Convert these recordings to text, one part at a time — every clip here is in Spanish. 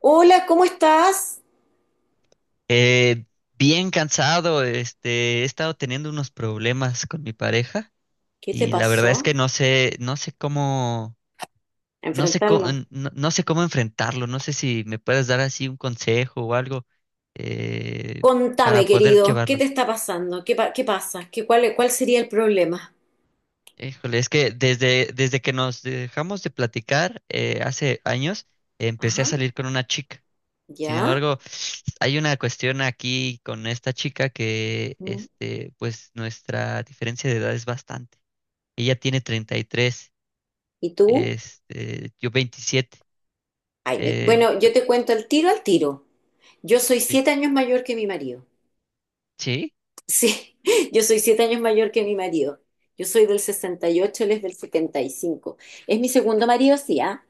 Hola, ¿cómo estás? Eh, bien cansado, he estado teniendo unos problemas con mi pareja ¿Qué te y la verdad es pasó? que no sé, no sé cómo, no sé cómo, Enfrentarlo. no, no sé cómo enfrentarlo, no sé si me puedes dar así un consejo o algo eh, para Contame, poder querido, ¿qué te llevarlo. está pasando? ¿Qué pasa? ¿Cuál sería el problema? Híjole, es que desde que nos dejamos de platicar hace años, empecé a Ajá, salir con una chica. Sin ¿ya? embargo, hay una cuestión aquí con esta chica que, Mm. Pues nuestra diferencia de edad es bastante. Ella tiene 33, ¿Y tú? Yo 27. Ay, eh, bueno, yo te cuento al tiro al tiro. Yo soy sí. 7 años mayor que mi marido. ¿Sí? Sí, yo soy 7 años mayor que mi marido. Yo soy del 68, él es del 75. Es mi segundo marido, sí, ¿ah?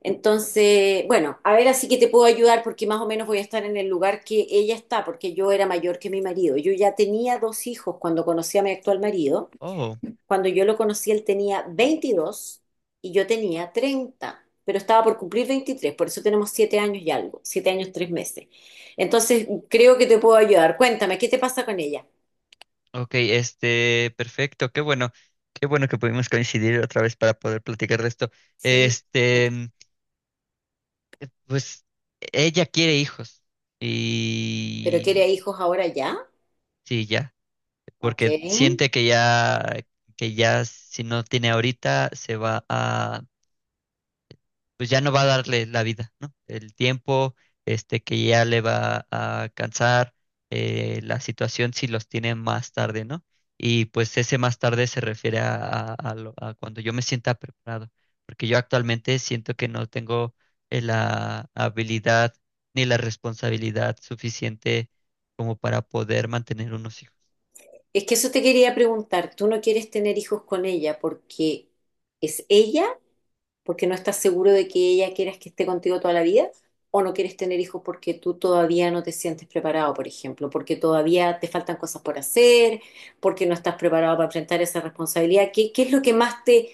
Entonces, bueno, a ver, así que te puedo ayudar porque más o menos voy a estar en el lugar que ella está, porque yo era mayor que mi marido. Yo ya tenía dos hijos cuando conocí a mi actual marido. Oh, Cuando yo lo conocí, él tenía 22 y yo tenía 30, pero estaba por cumplir 23, por eso tenemos 7 años y algo, 7 años, 3 meses. Entonces, creo que te puedo ayudar. Cuéntame, ¿qué te pasa con ella? ok, perfecto, qué bueno que pudimos coincidir otra vez para poder platicar de esto. Sí, Este, cuéntame. mm, pues ella quiere hijos ¿Pero y quiere hijos ahora ya? sí, ya. Ok. Porque siente que ya si no tiene ahorita, se va a, pues ya no va a darle la vida, ¿no? El tiempo, que ya le va a cansar, la situación si los tiene más tarde, ¿no? Y pues ese más tarde se refiere a, a cuando yo me sienta preparado, porque yo actualmente siento que no tengo la habilidad ni la responsabilidad suficiente como para poder mantener unos hijos. Es que eso te quería preguntar, ¿tú no quieres tener hijos con ella porque es ella, porque no estás seguro de que ella quieras que esté contigo toda la vida, o no quieres tener hijos porque tú todavía no te sientes preparado, por ejemplo, porque todavía te faltan cosas por hacer, porque no estás preparado para enfrentar esa responsabilidad? ¿Qué es lo que más te,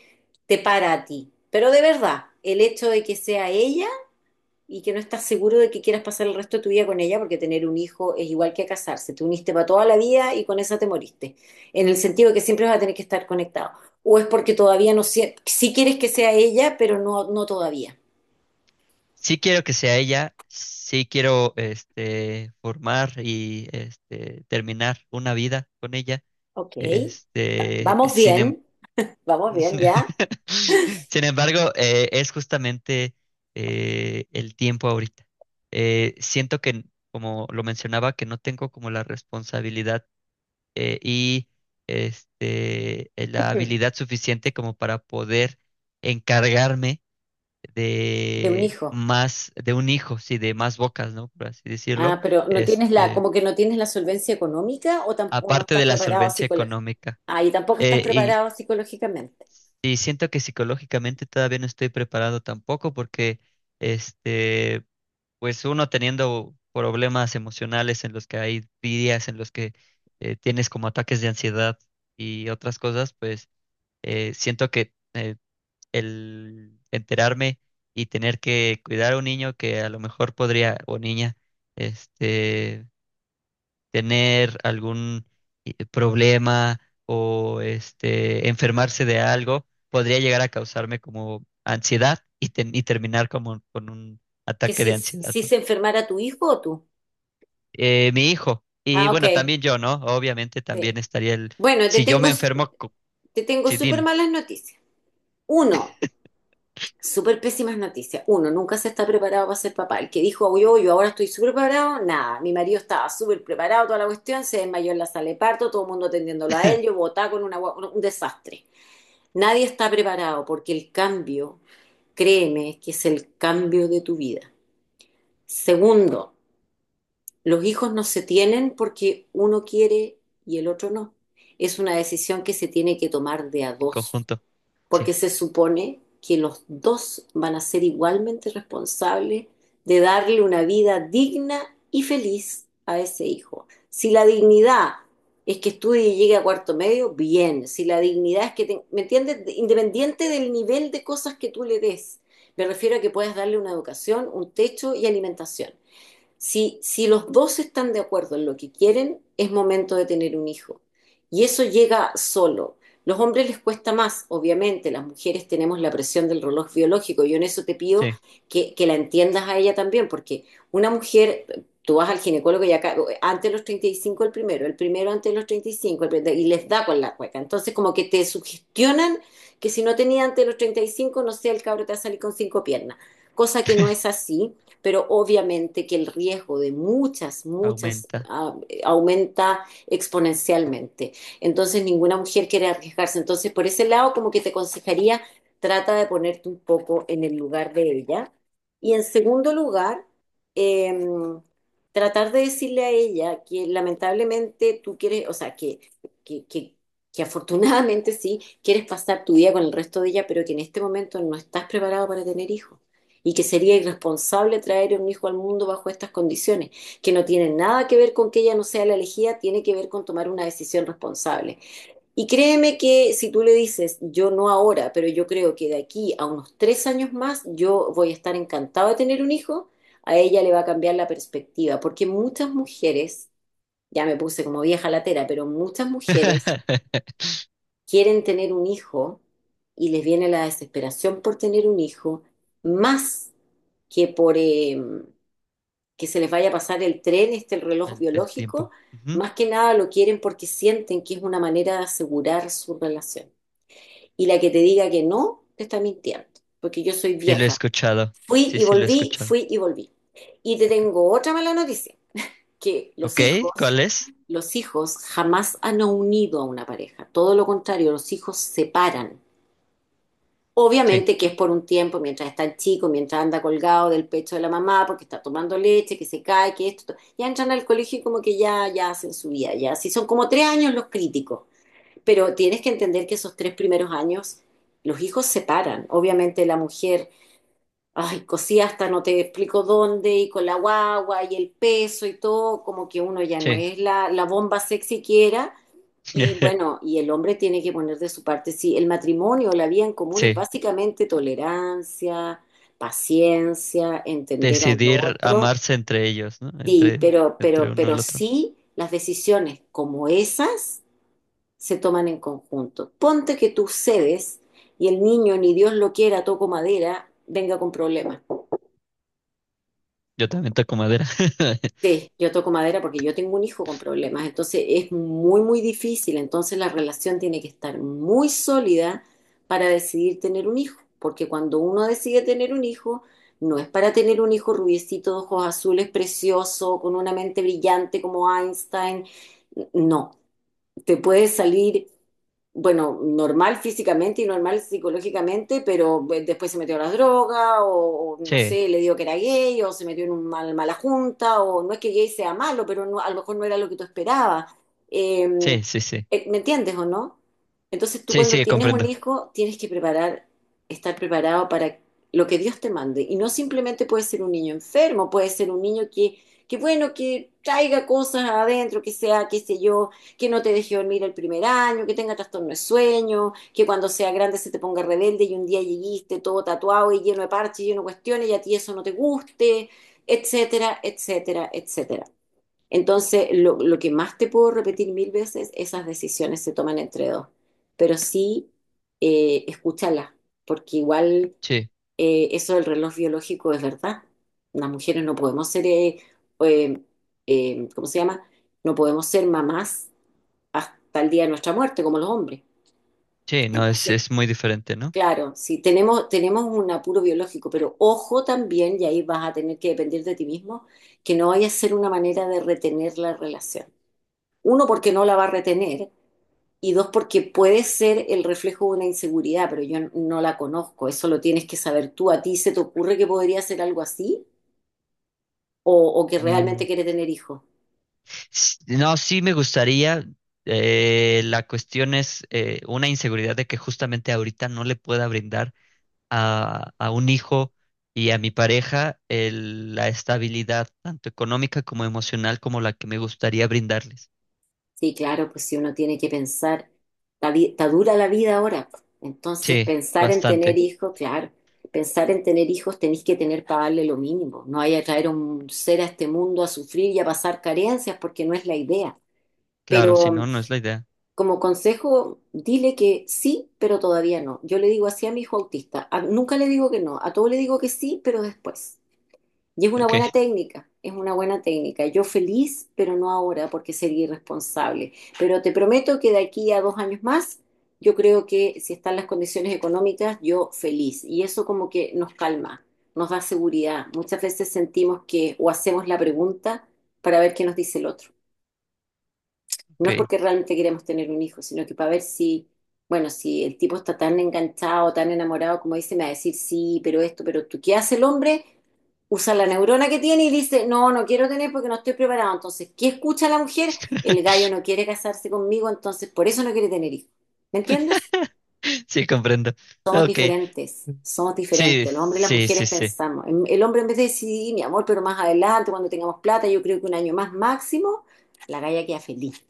te para a ti? Pero de verdad, el hecho de que sea ella y que no estás seguro de que quieras pasar el resto de tu vida con ella, porque tener un hijo es igual que casarse. Te uniste para toda la vida y con esa te moriste, en el sentido de que siempre vas a tener que estar conectado. O es porque todavía no, si quieres que sea ella, pero no, no todavía. Sí quiero que sea ella, sí quiero formar y terminar una vida con ella. Ok, Este, vamos sin em- bien, vamos bien ya, Sin embargo, es justamente el tiempo ahorita. Siento que, como lo mencionaba, que no tengo como la responsabilidad y la habilidad suficiente como para poder encargarme de un de hijo. más, de un hijo, sí, de más bocas, ¿no? Por así decirlo, Ah, pero no tienes la, este, como que no tienes la solvencia económica o tampoco no aparte estás de la preparado solvencia psicológicamente. económica. Ah, y tampoco estás Eh, y, preparado psicológicamente. y siento que psicológicamente todavía no estoy preparado tampoco porque, este, pues uno teniendo problemas emocionales en los que hay días en los que tienes como ataques de ansiedad y otras cosas, pues siento que el enterarme y tener que cuidar a un niño que a lo mejor podría, o niña, este, tener algún problema o enfermarse de algo, podría llegar a causarme como ansiedad y terminar como con un Que ataque si, de ansiedad, si ¿no? se enfermara tu hijo o tú. Mi hijo, y Ah, bueno, ok. también yo, ¿no? Obviamente también Sí. estaría el, Bueno, te si yo tengo, me enfermo, te tengo sí, súper dime, malas noticias. Uno, Súper pésimas noticias. Uno, nunca se está preparado para ser papá. El que dijo, "Uy, yo ahora estoy súper preparado, nada. Mi marido estaba súper preparado, toda la cuestión, se desmayó en la sala de parto, todo el mundo atendiéndolo a él, yo botaba con un desastre. Nadie está preparado porque el cambio, créeme, que es el cambio de tu vida. Segundo, los hijos no se tienen porque uno quiere y el otro no. Es una decisión que se tiene que tomar de a en dos conjunto, porque sí, se supone que los dos van a ser igualmente responsables de darle una vida digna y feliz a ese hijo. Si la dignidad es que estudie y llegue a cuarto medio, bien. Si la dignidad es que, te, ¿me entiendes? Independiente del nivel de cosas que tú le des. Me refiero a que puedas darle una educación, un techo y alimentación. Si los dos están de acuerdo en lo que quieren, es momento de tener un hijo. Y eso llega solo. Los hombres les cuesta más, obviamente, las mujeres tenemos la presión del reloj biológico. Yo en eso te pido sí, que la entiendas a ella también, porque una mujer, tú vas al ginecólogo y acá, antes de los 35 el primero antes de los 35, el y les da con la cueca. Entonces como que te sugestionan que si no tenía antes de los 35, no sé, el cabro te va a salir con cinco piernas, cosa que no es así, pero obviamente que el riesgo de muchas, muchas, aumenta. Aumenta exponencialmente. Entonces ninguna mujer quiere arriesgarse. Entonces por ese lado como que te aconsejaría, trata de ponerte un poco en el lugar de ella. Y en segundo lugar, em, tratar de decirle a ella que lamentablemente tú quieres, o sea, que, que, que afortunadamente sí, quieres pasar tu vida con el resto de ella, pero que en este momento no estás preparado para tener hijos y que sería irresponsable traer un hijo al mundo bajo estas condiciones, que no tienen nada que ver con que ella no sea la elegida, tiene que ver con tomar una decisión responsable. Y créeme que si tú le dices, yo no ahora, pero yo creo que de aquí a unos 3 años más, yo voy a estar encantado de tener un hijo, a ella le va a cambiar la perspectiva, porque muchas mujeres, ya me puse como vieja latera, pero muchas mujeres quieren tener un hijo y les viene la desesperación por tener un hijo, más que por que se les vaya a pasar el tren, el reloj El biológico, tiempo. Ujú. más que nada lo quieren porque sienten que es una manera de asegurar su relación. Y la que te diga que no, te está mintiendo, porque yo soy Sí, lo he vieja. escuchado. Fui Sí, y sí, lo he volví, escuchado. fui y volví. Y te tengo otra mala noticia, que los Ok, hijos, ¿cuál es? los hijos jamás han unido a una pareja. Todo lo contrario, los hijos separan. Sí, Obviamente que es por un tiempo, mientras está el chico, mientras anda colgado del pecho de la mamá, porque está tomando leche, que se cae, que esto. Ya entran al colegio y como que ya, ya hacen su vida, ya. Sí, son como 3 años los críticos. Pero tienes que entender que esos tres primeros años, los hijos se paran. Obviamente la mujer, ay, cosía hasta no te explico dónde, y con la guagua, y el peso y todo, como que uno ya no sí. es la, bomba sexy que era. Y bueno, y el hombre tiene que poner de su parte, sí, el matrimonio, la vida en común es Sí, básicamente tolerancia, paciencia, entender al decidir otro, amarse entre ellos, ¿no? sí, Entre, pero, entre pero, uno pero al otro. sí las decisiones como esas se toman en conjunto. Ponte que tú cedes y el niño, ni Dios lo quiera, toco madera, venga con problemas. Yo también toco madera. Sí, yo toco madera porque yo tengo un hijo con problemas, entonces es muy, muy difícil, entonces la relación tiene que estar muy sólida para decidir tener un hijo, porque cuando uno decide tener un hijo, no es para tener un hijo rubiecito, de ojos azules, precioso, con una mente brillante como Einstein, no, te puede salir bueno, normal físicamente y normal psicológicamente, pero pues, después se metió a las drogas, o, no Sí, sé, le digo que era gay, o se metió en una mal, mala junta, o no es que gay sea malo, pero a lo mejor no era lo que tú esperabas. Eh, sí, sí, sí. ¿Me entiendes o no? Entonces tú Sí, cuando sí, tienes un comprendo. hijo tienes que preparar, estar preparado para lo que Dios te mande. Y no simplemente puede ser un niño enfermo, puede ser un niño que bueno, que traiga cosas adentro, que sea, qué sé yo, que no te deje dormir el primer año, que tenga trastorno de sueño, que cuando sea grande se te ponga rebelde y un día lleguiste todo tatuado y lleno de parches, lleno de cuestiones y a ti eso no te guste, etcétera, etcétera, etcétera. Entonces, lo que más te puedo repetir mil veces, esas decisiones se toman entre dos, pero sí, escúchala, porque igual, Sí, eso del reloj biológico es verdad. Las mujeres no podemos ser, eh, ¿cómo se llama? No podemos ser mamás hasta el día de nuestra muerte, como los hombres. sí, no, Entonces, es muy diferente, ¿no? claro, si tenemos un apuro biológico, pero ojo también, y ahí vas a tener que depender de ti mismo, que no vaya a ser una manera de retener la relación. Uno, porque no la va a retener, y dos, porque puede ser el reflejo de una inseguridad, pero yo no la conozco, eso lo tienes que saber tú. ¿A ti se te ocurre que podría ser algo así? ¿O, o que Mm, realmente quieres tener hijos? No, sí me gustaría. La cuestión es una inseguridad de que justamente ahorita no le pueda brindar a un hijo y a mi pareja la estabilidad, tanto económica como emocional, como la que me gustaría brindarles. Sí, claro, pues si uno tiene que pensar, está dura la vida ahora, pues. Entonces, Sí, pensar en tener bastante. hijos, claro, pensar en tener hijos tenéis que tener para darle lo mínimo. No hay a traer un ser a este mundo a sufrir y a pasar carencias porque no es la idea. Claro, Pero si no, no es la idea. como consejo, dile que sí, pero todavía no. Yo le digo así a mi hijo autista. Nunca le digo que no, a todo le digo que sí, pero después. Y es una Ok, buena técnica, es una buena técnica. Yo feliz, pero no ahora, porque sería irresponsable. Pero te prometo que de aquí a 2 años más, yo creo que si están las condiciones económicas, yo feliz. Y eso como que nos calma, nos da seguridad. Muchas veces sentimos que o hacemos la pregunta para ver qué nos dice el otro. No ok. es porque realmente queremos tener un hijo, sino que para ver si, bueno, si el tipo está tan enganchado, tan enamorado, como dice, me va a decir, sí, pero esto, pero tú, ¿qué hace el hombre? Usa la neurona que tiene y dice, no, no quiero tener porque no estoy preparado. Entonces, ¿qué escucha la mujer? El gallo no quiere casarse conmigo, entonces por eso no quiere tener hijos. ¿Me entiendes? Sí, comprendo. Somos Ok. diferentes, somos Sí, diferentes. Los hombres y las sí, sí, mujeres sí. pensamos. El hombre, en vez de decir, "Sí, mi amor, pero más adelante, cuando tengamos plata, yo creo que un año más máximo", la galla queda feliz.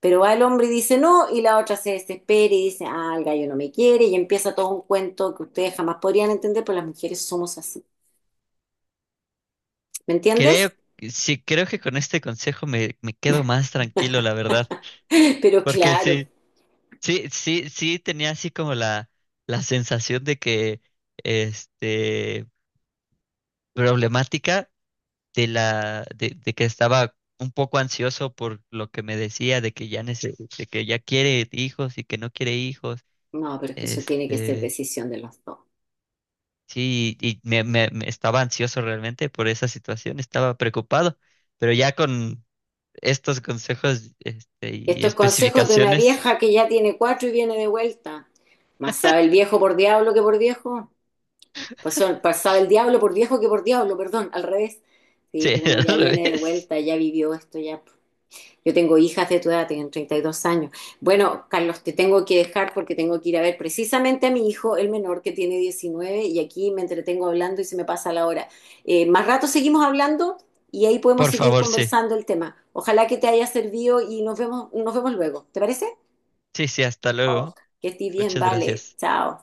Pero va el hombre y dice no, y la otra se desespera y dice, ah, el gallo no me quiere, y empieza todo un cuento que ustedes jamás podrían entender, pero las mujeres somos así. ¿Me Creo, entiendes? sí, creo que con este consejo me quedo más tranquilo, la verdad. Pero Porque claro, sí, sí, sí, sí tenía así como la sensación de que, este, problemática, de que estaba un poco ansioso por lo que me decía, de que de que ya quiere hijos y que no quiere hijos. no, pero es que eso tiene que ser Este, decisión de los dos. sí, y me estaba ansioso realmente por esa situación, estaba preocupado, pero ya con estos consejos, y Estos consejos de una especificaciones, vieja que ya tiene cuatro y viene de vuelta. Más sabe el viejo por diablo que por viejo. Pasaba el diablo por viejo que por diablo, perdón, al revés. Sí, sí, pues uno al ya viene de revés. vuelta, ya vivió esto, ya yo tengo hijas de tu edad, tienen 32 años. Bueno, Carlos, te tengo que dejar porque tengo que ir a ver precisamente a mi hijo, el menor, que tiene 19, y aquí me entretengo hablando y se me pasa la hora. Más rato seguimos hablando y ahí podemos Por seguir favor, sí. conversando el tema. Ojalá que te haya servido y nos vemos luego. ¿Te parece? Sí, sí, hasta luego. Ok, que estés bien, Muchas vale. gracias. Chao.